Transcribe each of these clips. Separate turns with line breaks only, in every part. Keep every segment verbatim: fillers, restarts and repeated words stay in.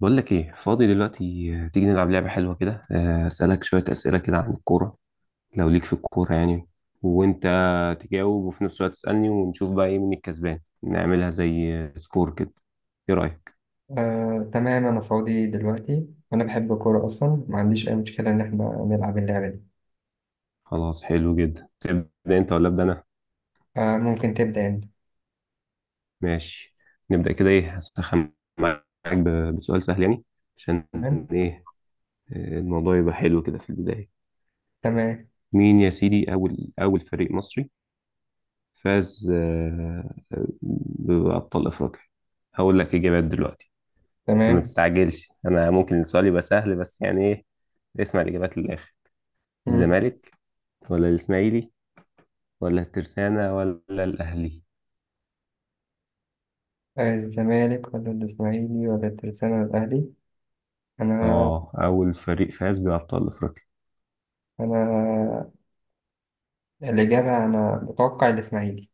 بقول لك ايه فاضي دلوقتي، آه، تيجي نلعب لعبة حلوة كده، آه، اسألك شوية أسئلة كده عن الكورة، لو ليك في الكورة يعني، وانت تجاوب وفي نفس الوقت تسألني، ونشوف بقى ايه مين الكسبان. نعملها زي آه، سكور كده. ايه رأيك؟
آه، تمام، أنا فاضي دلوقتي وأنا بحب الكورة أصلا، ما عنديش أي مشكلة إن إحنا نلعب اللعبة دي.
خلاص، حلو جدا. تبدأ انت ولا أبدأ انا؟
آه، ممكن تبدأ أنت.
ماشي، نبدأ كده. ايه، هسخن معاك ب- بسؤال سهل يعني، عشان
تمام.
ايه آه، الموضوع يبقى حلو كده في البداية.
تمام
مين يا سيدي أول أول فريق مصري فاز آه، آه، بأبطال أفريقيا؟ هقول لك إجابات دلوقتي. ما
تمام
تستعجلش، أنا ممكن السؤال يبقى سهل بس يعني إيه. اسمع الإجابات للآخر.
مم.
الزمالك، ولا الإسماعيلي، ولا الترسانة، ولا الأهلي؟
آه، الزمالك ولا الإسماعيلي ولا الترسانة ولا الأهلي؟ أنا
آه أول فريق فاز بأبطال أفريقيا.
أنا الإجابة، أنا بتوقع الإسماعيلي.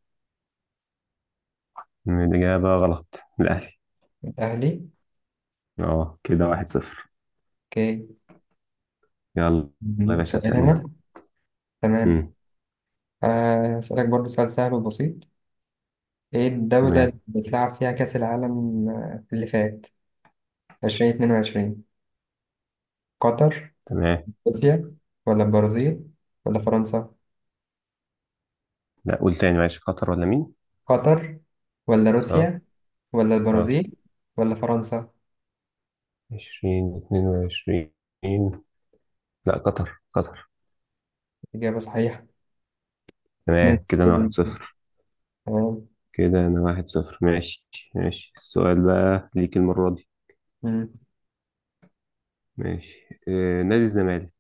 الإجابة غلط، الأهلي.
الأهلي.
آه كده واحد صفر.
أوكي.
يلا يا
مم،
باشا،
سؤال
اسأل أنت.
أنا. تمام.
مم.
آه، أسألك برضه سؤال سهل وبسيط: إيه الدولة
تمام.
اللي بتلعب فيها كأس العالم آه، اللي فات ألفين واتنين وعشرين؟ قطر،
تمام،
روسيا، ولا البرازيل، ولا فرنسا؟
لا قول تاني، معلش، قطر ولا مين؟
قطر ولا
آه.
روسيا ولا
آه.
البرازيل ولا فرنسا؟
عشرين اتنين وعشرين. لا، قطر قطر.
إجابة صحيحة. نادي
تمام كده انا واحد
الزمالك.
صفر
تمام.
كده انا واحد صفر، ماشي. ماشي، السؤال بقى ليك المرة دي.
مم.
ماشي، آه نادي الزمالك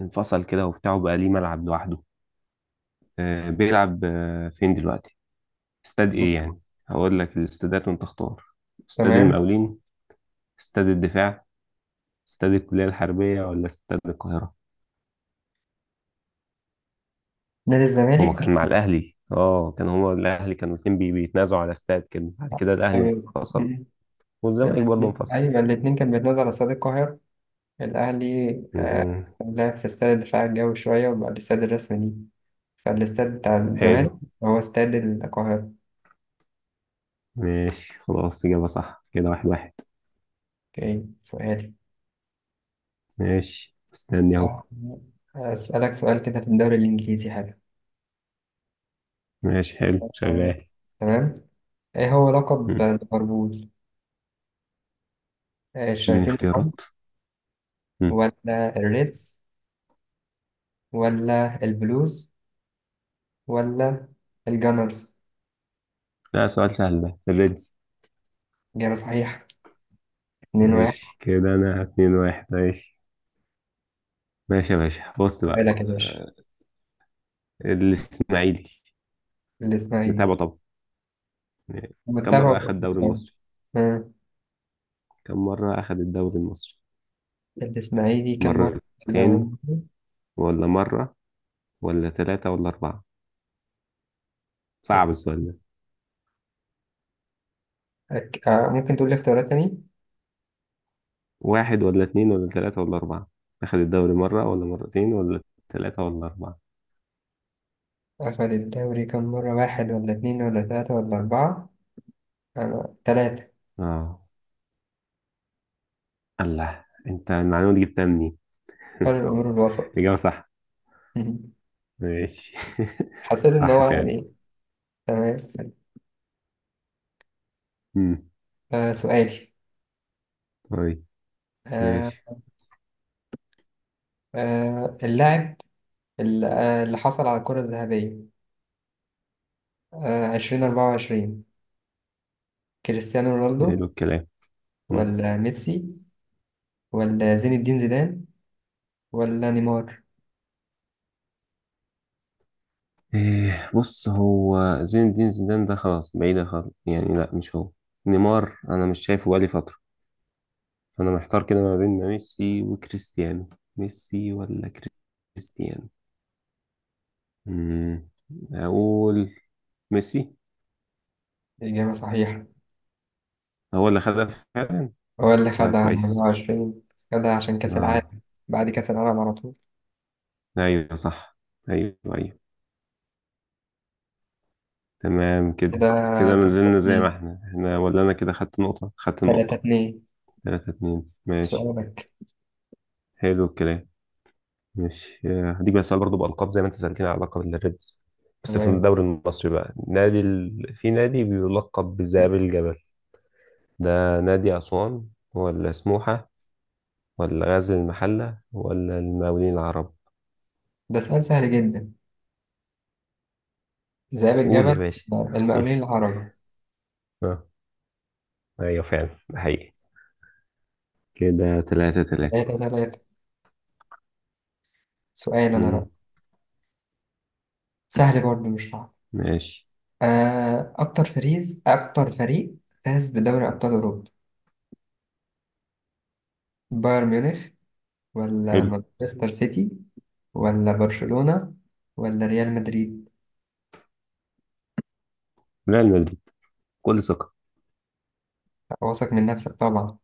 انفصل كده وبتاعه بقى ليه ملعب لوحده. آه بيلعب آه فين دلوقتي؟ استاد ايه يعني؟ هقول لك الاستادات وانت اختار. استاد
تمام.
المقاولين، استاد الدفاع، استاد الكلية الحربية، ولا استاد القاهرة؟
نادي
هما
الزمالك.
كان مع الاهلي، اه كان هما الاهلي كانوا الاتنين بي- بيتنازعوا على استاد كده. بعد كده الاهلي
أيوة.
انفصل
مم.
والزمالك برضه
الاتنين،
انفصل.
أيوة الاتنين كان بيتنازل على استاد القاهرة. الأهلي آه،
مم.
لعب في استاد الدفاع الجوي شوية، وبعد الاستاد الرسمي ليه، فالاستاد بتاع الزمالك
حلو.
هو استاد القاهرة.
ماشي، خلاص، إجابة صح. كده واحد واحد.
أوكي، سؤالي.
ماشي، استني أهو.
آه، أسألك سؤال كده في الدوري الإنجليزي حاجة.
ماشي، حلو،
أيوة.
شغال.
تمام. إيه هو لقب
مم.
ليفربول؟ آه،
اديني
الشياطين الحمر،
اختيارات. مم.
ولا الريدز، ولا البلوز، ولا الجانرز؟
لا، سؤال سهل ده، الريدز.
إجابة صحيحة. اتنين واحد.
ماشي كده، أنا اتنين واحد، ماشي. ماشي يا باشا، بص بقى
سؤالك يا باشا.
آه، الإسماعيلي
الإسماعيلي،
نتابعه طبعا. كم
متابع
مرة
ولا مش
أخد الدوري
متابع؟
المصري؟
آه،
كم مرة أخد الدوري المصري؟
الإسماعيلي كم مرة في الدوري
مرتين
المصري؟
ولا مرة، ولا ثلاثة ولا أربعة؟ صعب
اتنين.
السؤال ده.
أك- آه، ممكن تقول لي اختيارات تاني؟
واحد ولا اتنين ولا تلاتة ولا أربعة؟ أخد الدوري مرة ولا مرتين ولا تلاتة ولا أربعة؟
أخد الدوري كم مرة؟ واحد ولا اتنين ولا تلاتة ولا أربعة؟ أنا تلاتة.
آه. الله، أنت المعلومة دي جبتها منين؟
قال الأمور الوسط.
الإجابة صح. ماشي.
حسيت إن
صح
هو
فعلا.
يعني. تمام.
مم.
آه سؤالي
طيب.
آه
ماشي.
آه اللاعب ال- آه، اللي حصل على الكرة الذهبية آه، عشرين أربعة وعشرين: كريستيانو رونالدو،
حلو الكلام. مم.
ولا ميسي، ولا زين الدين زيدان، ولا نيمار؟
إيه، بص هو، زين الدين زيدان ده خلاص بعيدة خالص يعني، لا مش هو. نيمار أنا مش شايفه بقالي فترة. فأنا محتار كده ما بين ميسي وكريستيانو. ميسي ولا كريستيانو؟ مم. أقول ميسي.
إجابة صحيحة.
هو اللي خدها فعلا.
هو اللي
طيب،
خدها
كويس.
أربعة وعشرين. خدها عشان كأس
آه.
العالم، بعد كأس العالم على طول.
ايوه صح. ايوه ايوه. تمام
كده
كده، كده ما
تلاتة
زلنا زي ما
2.
احنا، احنا ولا انا كده خدت نقطة، خدت
تلاتة
نقطة؟
2.
تلاتة اتنين، ماشي.
سؤالك.
حلو الكلام. ماشي، آه، هديك بقى سؤال برضه بألقاب، زي ما انت سألتني على لقب الريدز. بس في
تمام،
الدوري المصري بقى، نادي ال... في نادي بيلقب بذئاب الجبل. ده نادي أسوان، ولا سموحة، ولا غزل المحلة، ولا المقاولين العرب؟
ده سؤال سهل جدا. ذئاب
قول يا
الجبل:
باشا.
المقاولين العرب.
آه، ايوه فعلا، ده حقيقي. كده تلاتة تلاتة.
تلاتة 3. سؤال أنا بقى،
مم.
سهل برضه مش صعب.
ماشي،
آه، أكتر فريز أكتر فريق فاز بدوري أبطال أوروبا: بايرن ميونخ، ولا
حلو.
مانشستر سيتي، ولا برشلونة، ولا ريال مدريد؟
لا، المدريد، كل ثقة.
واثق من نفسك طبعا.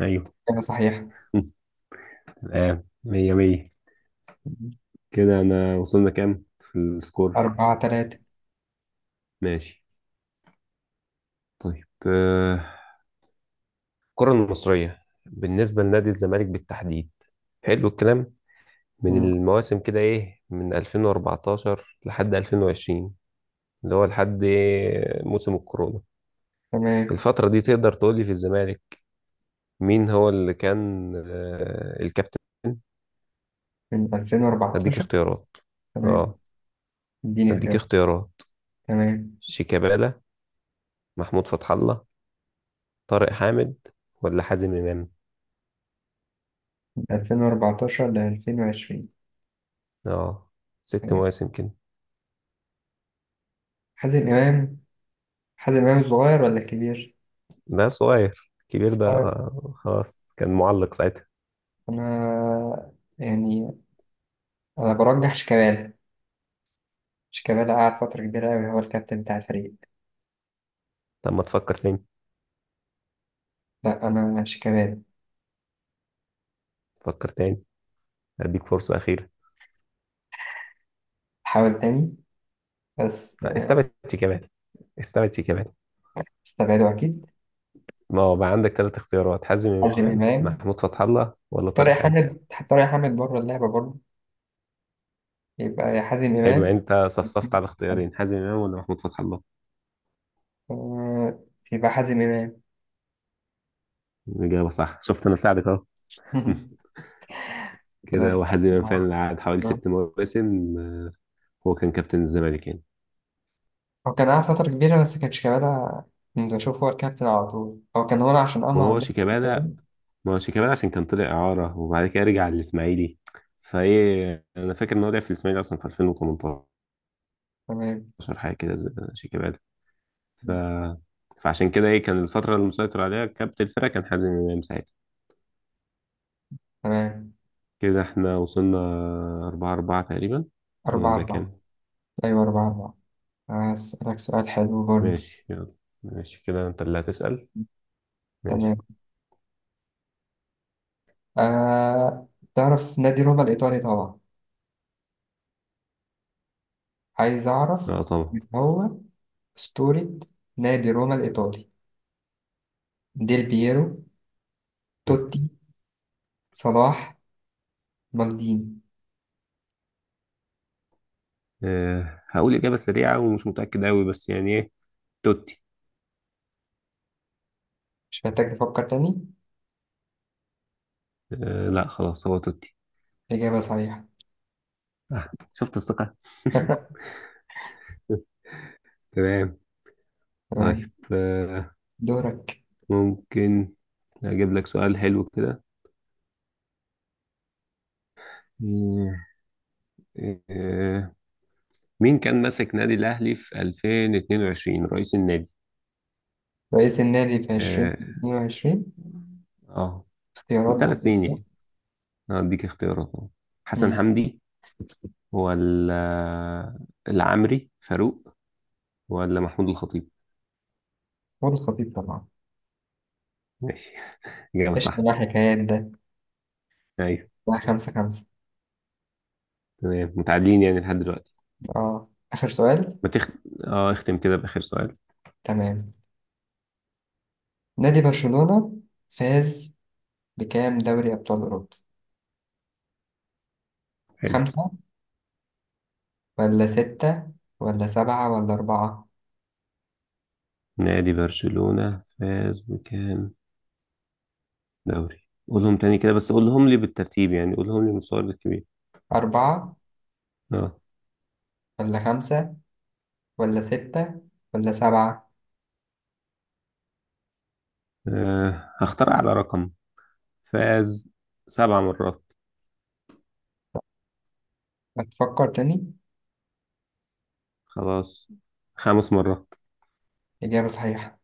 أيوه.
إجابة صحيحة.
مم. الآن مية مية. كده أنا وصلنا كام في السكور؟
أربعة تلاتة.
ماشي. طيب آه، الكرة المصرية بالنسبة لنادي الزمالك بالتحديد، حلو الكلام، من
مم.
المواسم كده إيه، من ألفين وأربعتاشر لحد ألفين وعشرين، اللي هو لحد إيه؟ موسم الكورونا.
تمام.
الفترة دي تقدر تقول لي في الزمالك مين هو اللي كان آه، الكابتن؟
من
هديك
ألفين وأربعتاشر.
اختيارات
تمام،
اه
اديني
هديك
اختيار.
اختيارات.
تمام،
شيكابالا، محمود فتح الله، طارق حامد، ولا حازم امام؟
من ألفين وأربعتاشر ل ألفين وعشرين.
اه ست
تمام.
مواسم كده.
حازم إمام. حازم إمام الصغير ولا الكبير؟
ده صغير، الكبير ده
الصغير.
آه، خلاص كان معلق ساعتها.
أنا يعني، أنا برجح شيكابالا. شيكابالا قعد فترة كبيرة أوي هو الكابتن بتاع الفريق.
طب ما تفكر تاني،
لا أنا شيكابالا.
فكر تاني، هديك فرصة أخيرة.
حاول تاني. بس،
آه، استبعد شيكابالا، استبعد شيكابالا.
استبعده أكيد.
ما هو بقى عندك ثلاث اختيارات: حازم
حازم
امام،
إمام.
محمود فتح الله، ولا طارق
طارق
حامد؟
حامد، طارق حامد بره اللعبة برضه. يبقى يا حازم
حلو،
إمام.
انت صفصفت على اختيارين: حازم امام ولا محمود فتح الله.
آه، يبقى حازم إمام.
الاجابه صح، شفت، انا بساعدك اهو.
كده
كده، وحزيما
أربعة.
فعلا قعد حوالي
آه.
ست مواسم. آه، هو كان كابتن الزمالك يعني.
هو كان قعد فترة كبيرة، بس كان شيكابالا. كنت بشوف هو الكابتن على طول، هو كان هنا عشان
ما
أمهر
هو
ده. كده.
شيكابالا، ما هو شيكابالا عشان كان طلع إعارة وبعد كده رجع للإسماعيلي. فإيه، أنا فاكر إن هو لعب في الإسماعيلي أصلا في ألفين وتمنتاشر
تمام.
حاجة كده، زي- شيكابالا. ف... فعشان كده إيه، كان الفترة اللي مسيطر عليها كابتن الفرقة كان حازم إمام ساعتها.
تمام
كده إحنا وصلنا أربعة أربعة تقريبا،
أربعة
ولا
أربعة
كام؟
أيوة أربعة أربعة. هسألك سؤال حلو برضه.
ماشي، يلا. ماشي كده، أنت اللي هتسأل. ماشي.
تمام. آه، تعرف نادي روما الإيطالي طبعا. عايز أعرف
اه طبعا.
مين هو أسطورة نادي روما الإيطالي: ديل بييرو، توتي، صلاح، مالديني؟
آه، هقول إجابة سريعة ومش متأكد أوي بس يعني إيه، توتي.
مش محتاج تفكر تاني.
آه، لا خلاص، هو توتي.
إجابة صحيحة.
آه، شفت الثقة. تمام. طيب
تمام.
آه،
دورك.
ممكن أجيب لك سؤال حلو كده. آه، آه، مين كان ماسك نادي الأهلي في ألفين واتنين وعشرين رئيس النادي؟
رئيس النادي في عشرين
آه
اتنين وعشرين.
آه،
اختيارات
من
بعد
ثلاث سنين
كده.
يعني. هديك اختيارات أهو. حسن
مم.
حمدي، ولا العمري فاروق، ولا محمود الخطيب؟
هو الخطيب طبعا.
ماشي. إجابة
ايش من
صح.
الحكايات ده؟
ايوه.
بقى خمسة خمسة.
تمام، متعادلين يعني لحد دلوقتي.
اه آخر سؤال.
ما تخ... اه اختم كده بآخر سؤال
تمام. نادي برشلونة فاز بكام دوري أبطال أوروبا؟
حلو.
خمسة، ولا ستة، ولا سبعة، ولا أربعة؟
نادي برشلونة فاز بكام دوري؟ قولهم تاني كده، بس قولهم لي بالترتيب، يعني قولهم لي مستوى الكبير.
أربعة،
اه
ولا خمسة، ولا ستة، ولا سبعة؟
آه، هختار على رقم. فاز سبع مرات.
هتفكر تاني.
خلاص، خمس مرات.
إجابة صحيحة.